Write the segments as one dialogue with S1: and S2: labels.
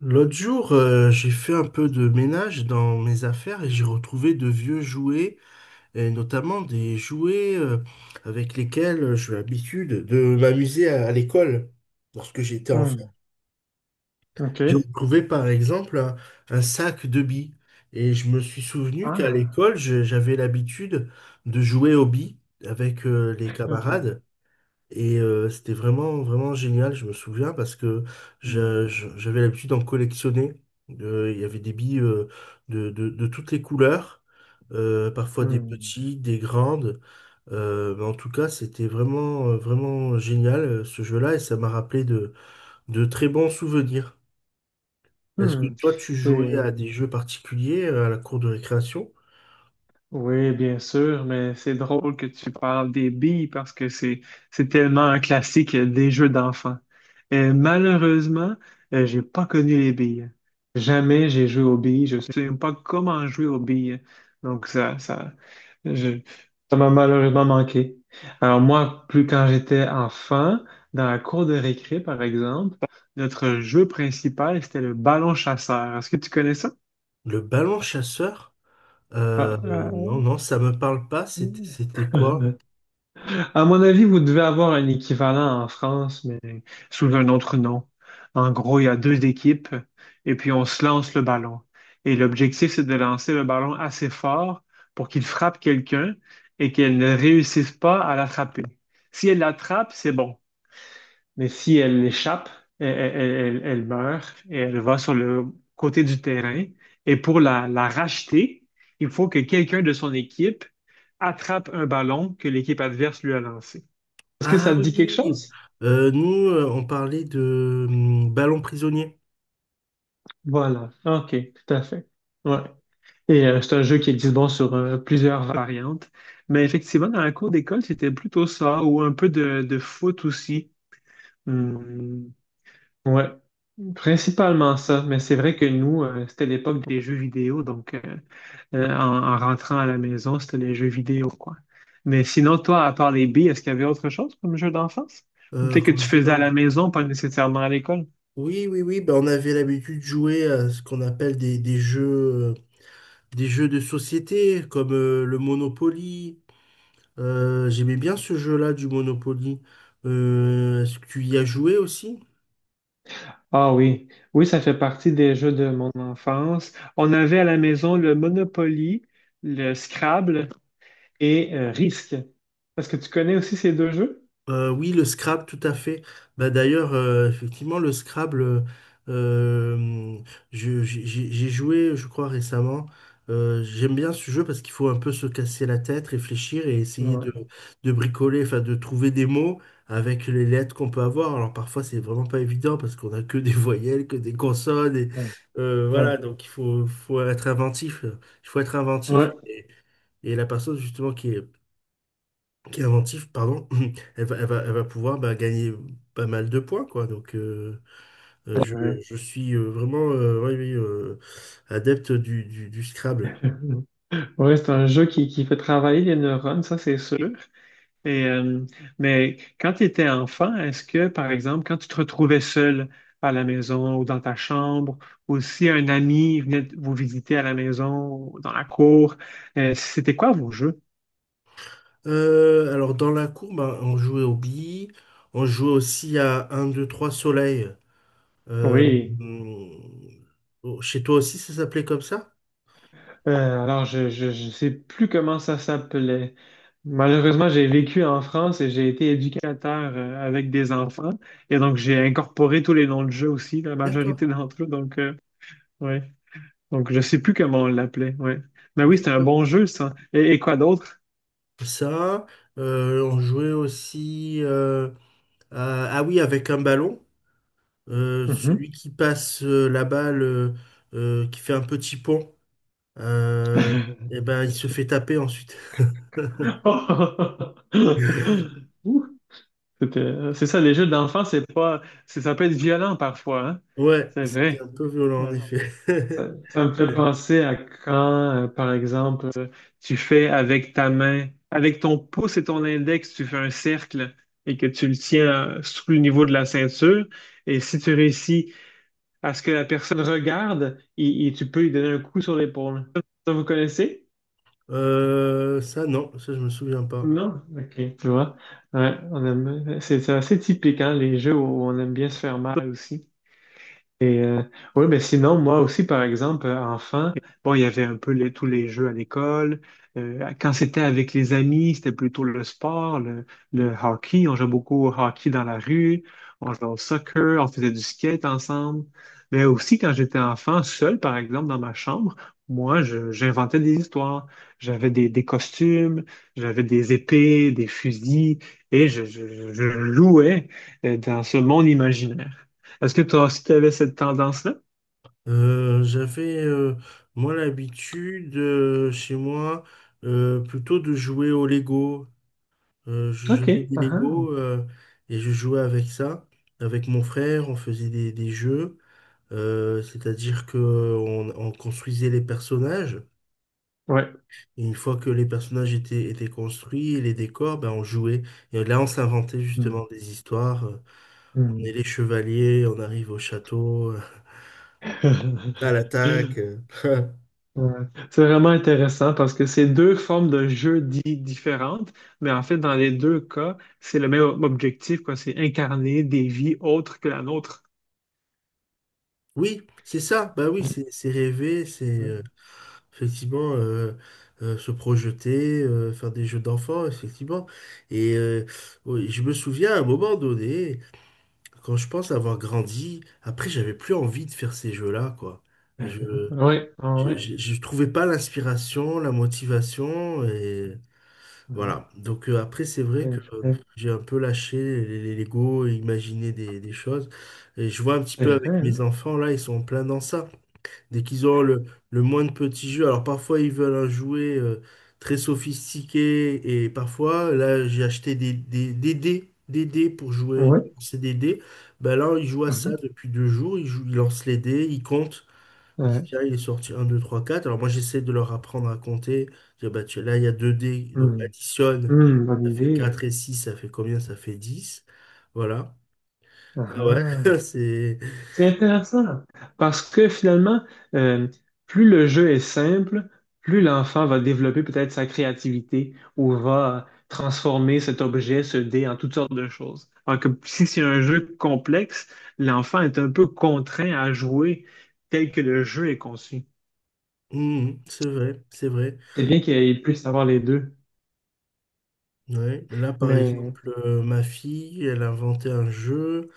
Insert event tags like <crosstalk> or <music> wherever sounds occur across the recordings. S1: L'autre jour, j'ai fait un peu de ménage dans mes affaires et j'ai retrouvé de vieux jouets, et notamment des jouets, avec lesquels j'ai l'habitude de m'amuser à l'école lorsque j'étais enfant.
S2: Hmm, ok.
S1: J'ai retrouvé par exemple un sac de billes et je me suis souvenu qu'à
S2: Ah.
S1: l'école, j'avais l'habitude de jouer aux billes avec, les
S2: <laughs> Hmm,
S1: camarades. Et, c'était vraiment, vraiment génial, je me souviens, parce que
S2: hmm,
S1: j'avais l'habitude d'en collectionner. Il y avait des billes, de toutes les couleurs, parfois des
S2: hmm,
S1: petites, des grandes. Mais en tout cas, c'était vraiment, vraiment génial, ce jeu-là, et ça m'a rappelé de très bons souvenirs. Est-ce que
S2: hmm.
S1: toi, tu jouais
S2: C'est,
S1: à des jeux particuliers, à la cour de récréation?
S2: Oui, bien sûr, mais c'est drôle que tu parles des billes parce que c'est tellement un classique des jeux d'enfants. Malheureusement, j'ai pas connu les billes. Jamais j'ai joué aux billes. Je sais même pas comment jouer aux billes. Donc ça ça je- ça m'a malheureusement manqué. Alors moi, plus quand j'étais enfant, dans la cour de récré par exemple, notre jeu principal c'était le ballon chasseur. Est-ce que tu connais ça?
S1: Le ballon chasseur? Euh,
S2: Ah,
S1: non, non, ça me parle pas. C'était quoi?
S2: ah. <laughs> À mon avis, vous devez avoir un équivalent en France, mais sous un autre nom. En gros, il y a deux équipes et puis on se lance le ballon. Et l'objectif, c'est de lancer le ballon assez fort pour qu'il frappe quelqu'un et qu'elle ne réussisse pas à l'attraper. Si elle l'attrape, c'est bon. Mais si elle l'échappe, elle, elle meurt et elle va sur le côté du terrain. Et pour la, la racheter, il faut que quelqu'un de son équipe attrape un ballon que l'équipe adverse lui a lancé. Est-ce que
S1: Ah
S2: ça te dit quelque
S1: oui.
S2: chose?
S1: Nous, on parlait de, ballon prisonnier,
S2: Voilà, ok, tout à fait. Ouais. Et c'est un jeu qui existe bon sur plusieurs variantes. Mais effectivement, dans la cour d'école, c'était plutôt ça, ou un peu de foot aussi. Hmm, ouais, principalement ça. Mais c'est vrai que nous, c'était l'époque des jeux vidéo, donc en, en rentrant à la maison, c'était les jeux vidéo, quoi. Mais sinon, toi, à part les billes, est-ce qu'il y avait autre chose comme jeu d'enfance? Ou peut-être que
S1: comme
S2: tu
S1: jeu
S2: faisais à
S1: d'or.
S2: la maison, pas nécessairement à l'école.
S1: Oui, oui, oui, bah, on avait l'habitude de jouer à ce qu'on appelle des jeux, des jeux de société comme, le Monopoly. J'aimais bien ce jeu-là du Monopoly. Est-ce que tu y as joué aussi?
S2: Ah oui, oui, ça fait partie des jeux de mon enfance. On avait à la maison le Monopoly, le Scrabble, et Risk. Est-ce que tu connais aussi ces deux jeux?
S1: Oui, le Scrabble, tout à fait. Bah, d'ailleurs, effectivement, le Scrabble, euh, j'ai joué, je crois, récemment. J'aime bien ce jeu parce qu'il faut un peu se casser la tête, réfléchir et essayer de,
S2: Ouais,
S1: de bricoler, enfin de trouver des mots avec les lettres qu'on peut avoir. Alors parfois, c'est vraiment pas évident parce qu'on a que des voyelles, que des consonnes. Et,
S2: ouais, ouais,
S1: voilà, donc il faut être inventif. Il faut être inventif.
S2: ouais,
S1: Et, la personne, justement, qui est, inventive, pardon, <laughs> elle va pouvoir, bah, gagner pas mal de points, quoi. Donc, euh,
S2: c'est
S1: je,
S2: vrai.
S1: je suis, vraiment, oui, oui, adepte du Scrabble.
S2: <laughs> Ouais, c'est un jeu qui fait travailler les neurones, ça c'est sûr. Et, mais quand tu étais enfant, est-ce que, par exemple, quand tu te retrouvais seul à la maison ou dans ta chambre, ou si un ami venait vous visiter à la maison ou dans la cour, c'était quoi vos jeux?
S1: Alors, dans la cour, bah, on jouait aux billes, on jouait aussi à un, 2, 3 soleil. Euh,
S2: Oui.
S1: chez toi aussi, ça s'appelait comme ça?
S2: Alors, je sais plus comment ça s'appelait. Malheureusement, j'ai vécu en France et j'ai été éducateur avec des enfants. Et donc, j'ai incorporé tous les noms de jeux aussi, la
S1: D'accord,
S2: majorité d'entre eux. Donc, oui. Donc, je sais plus comment on l'appelait, ouais. Mais oui, c'était un
S1: d'accord.
S2: bon jeu, ça. Et quoi d'autre?
S1: Ça, on jouait aussi, ah oui, avec un ballon. Euh,
S2: Mhm.
S1: celui qui passe, la balle, qui fait un petit pont, euh, et ben, il se fait taper ensuite. <laughs>
S2: <laughs> Ouh, C'est ça, les jeux d'enfants, c'est pas, c'est- ça peut être violent parfois, hein?
S1: Ouais,
S2: C'est
S1: c'était
S2: vrai.
S1: un peu violent en
S2: Ouais.
S1: effet.
S2: Ça me fait
S1: <laughs>
S2: penser à quand, par exemple, tu fais avec ta main, avec ton pouce et ton index, tu fais un cercle et que tu le tiens sous le niveau de la ceinture. Et si tu réussis à ce que la personne regarde et tu peux lui donner un coup sur l'épaule. Ça, vous connaissez?
S1: Ça, non, ça, je me souviens pas.
S2: Non? Ok, tu vois. Ouais, on aime, c'est assez typique, hein, les jeux où on aime bien se faire mal aussi. Et oui, ben sinon, moi aussi, par exemple, enfant, bon, il y avait un peu tous les jeux à l'école. Quand c'était avec les amis, c'était plutôt le sport, le hockey. On jouait beaucoup au hockey dans la rue, on jouait au soccer, on faisait du skate ensemble. Mais aussi, quand j'étais enfant, seul, par exemple, dans ma chambre, moi, j'inventais des histoires. J'avais des costumes, j'avais des épées, des fusils, et je louais dans ce monde imaginaire. Est-ce que toi aussi, tu avais cette tendance-là?
S1: J'avais, moi, l'habitude, chez moi, plutôt de jouer au Lego. Je j'avais
S2: OK.
S1: des
S2: Ah
S1: Lego,
S2: ah.
S1: et je jouais avec ça. Avec mon frère, on faisait des jeux. C'est-à-dire que on construisait les personnages,
S2: Ouais.
S1: et une fois que les personnages étaient construits, les décors, ben, on jouait. Et là, on s'inventait
S2: Hmm.
S1: justement des histoires. On est les chevaliers, on arrive au château,
S2: Hmm.
S1: à l'attaque.
S2: <laughs>
S1: <laughs>
S2: Ouais. C'est vraiment intéressant parce que c'est deux formes de jeu dits différentes, mais en fait, dans les deux cas, c'est le même objectif, quoi. C'est incarner des vies autres que la nôtre.
S1: Oui, c'est ça. Bah oui, c'est rêver, c'est,
S2: Oui,
S1: effectivement, se projeter, faire des jeux d'enfants, effectivement. Et oui, je me souviens à un moment donné. Quand je pense avoir grandi, après, j'avais plus envie de faire ces jeux-là, quoi. Je,
S2: oui.
S1: je trouvais pas l'inspiration, la motivation, et
S2: Oui.
S1: voilà. Donc, après, c'est vrai que,
S2: C'est vrai,
S1: j'ai un peu lâché les Lego et imaginé des choses. Et je vois un petit peu
S2: c'est
S1: avec
S2: vrai, hein?
S1: mes enfants, là, ils sont en plein dans ça. Dès qu'ils ont le moins de petits jeux, alors parfois ils veulent un jouet, très sophistiqué, et parfois, là j'ai acheté des dés, des dés pour jouer,
S2: Ouais.
S1: c'est des dés. Ben là, ils jouent à ça
S2: Mhm.
S1: depuis 2 jours, ils jouent, ils lancent les dés, ils comptent, ils disent
S2: Ouais.
S1: tiens, il est sorti un 2 3 4. Alors moi j'essaie de leur apprendre à compter, dire bah, là il y a 2 dés, donc
S2: Hmm.
S1: additionne,
S2: Hmm,
S1: ça
S2: bonne
S1: fait
S2: idée.
S1: 4 et six, ça fait combien? Ça fait 10. Voilà.
S2: Ah
S1: Ah ouais, <laughs>
S2: ah.
S1: c'est.
S2: C'est intéressant parce que finalement, euh, plus le jeu est simple, plus l'enfant va développer peut-être sa créativité ou va transformer cet objet, ce dé, en toutes sortes de choses. Alors que si c'est un jeu complexe, l'enfant est un peu contraint à jouer tel que le jeu est conçu.
S1: Mhm, c'est vrai, c'est vrai.
S2: C'est bien qu'il puisse avoir les deux.
S1: Ouais, mais là par
S2: Mais,
S1: exemple, ma fille, elle a inventé un jeu,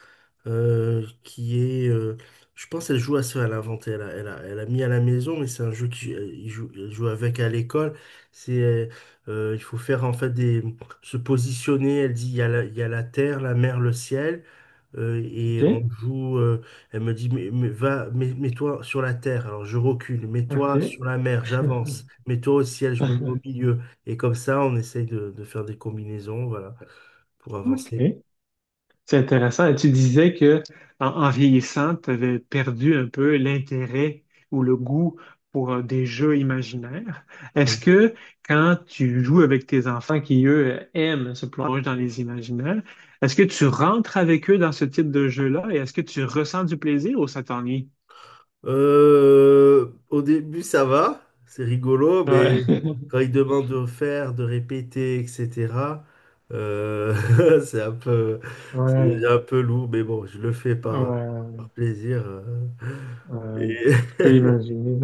S1: qui est, je pense, elle joue à ça, elle a inventé, elle a mis à la maison, mais c'est un jeu qui, il joue, elle joue avec à l'école. C'est, il faut faire en fait se positionner. Elle dit, il y a la terre, la mer, le ciel. Et
S2: OK,
S1: on joue, elle me dit, mais va, mets-toi sur la terre, alors je recule, mets-toi sur
S2: OK,
S1: la mer, j'avance, mets-toi au ciel, je me mets au
S2: <laughs>
S1: milieu. Et comme ça, on essaye de faire des combinaisons, voilà, pour avancer.
S2: OK. C'est intéressant. Et tu disais que en, en vieillissant, tu avais perdu un peu l'intérêt ou le goût pour des jeux imaginaires. Est-ce
S1: Oui.
S2: que quand tu joues avec tes enfants qui, eux, aiment se plonger dans les imaginaires, est-ce que tu rentres avec eux dans ce type de jeu-là et est-ce que tu ressens du plaisir ou ça t'ennuie?
S1: Au début, ça va, c'est rigolo, mais
S2: Ouais, <laughs>
S1: quand ils demandent de faire, de répéter, etc., euh, <laughs> c'est un peu, c'est
S2: ouais,
S1: déjà un peu lourd, mais bon, je le fais
S2: ouais,
S1: par plaisir.
S2: ouais. Je peux
S1: Et-
S2: imaginer.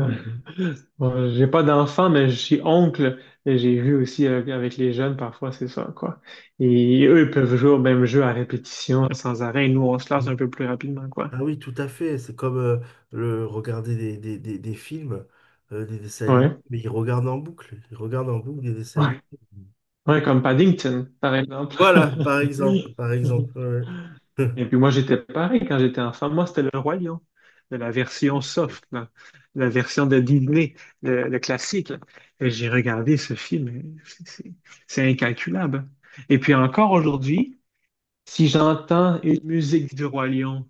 S2: Bon, j'ai pas d'enfant, mais je suis oncle et j'ai vu aussi avec les jeunes parfois, c'est ça, quoi. Et eux, ils peuvent jouer au même jeu à répétition, sans arrêt. Nous, on se lasse un peu
S1: <laughs>
S2: plus rapidement, quoi.
S1: Ah oui, tout à fait. C'est comme, le regarder des films, des dessins animés,
S2: Ouais,
S1: mais ils regardent en boucle. Ils regardent en boucle des dessins animés.
S2: ouais, ouais, comme Paddington, par exemple.
S1: Voilà, par exemple, par
S2: <laughs>
S1: exemple. Ouais.
S2: Et puis moi, j'étais pareil quand j'étais enfant. Moi, c'était le Roi Lion, de la version
S1: <laughs>
S2: soft, là. La version de Disney, le classique. Là. Et j'ai regardé ce film, et c'est incalculable. Et puis encore aujourd'hui, si j'entends une musique du Roi Lion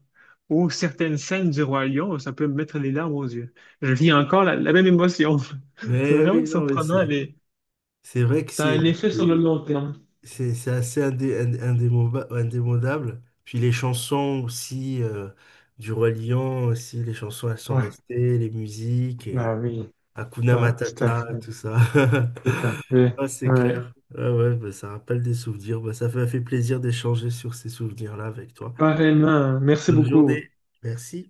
S2: ou certaines scènes du Roi Lion, ça peut me mettre les larmes aux yeux. Je vis encore la, la même émotion. <laughs> C'est
S1: Mais
S2: vraiment
S1: oui, non, mais
S2: surprenant.
S1: c'est
S2: Les...
S1: c'est vrai que
S2: Ça a un effet sur le long terme.
S1: c'est assez indémodable. Puis les chansons aussi, du Roi Lion aussi, les chansons elles sont
S2: Ouais,
S1: restées, les musiques
S2: bah oui.
S1: Hakuna
S2: Ouais, tout à
S1: Matata,
S2: fait.
S1: tout ça.
S2: Tout à
S1: <laughs>
S2: fait.
S1: Ah, c'est
S2: Ouais.
S1: clair. Ah ouais, bah, ça rappelle des souvenirs. Bah, ça m'a fait plaisir d'échanger sur ces souvenirs-là avec toi.
S2: Pareillement, hein. Merci
S1: Bonne
S2: beaucoup.
S1: journée. Merci.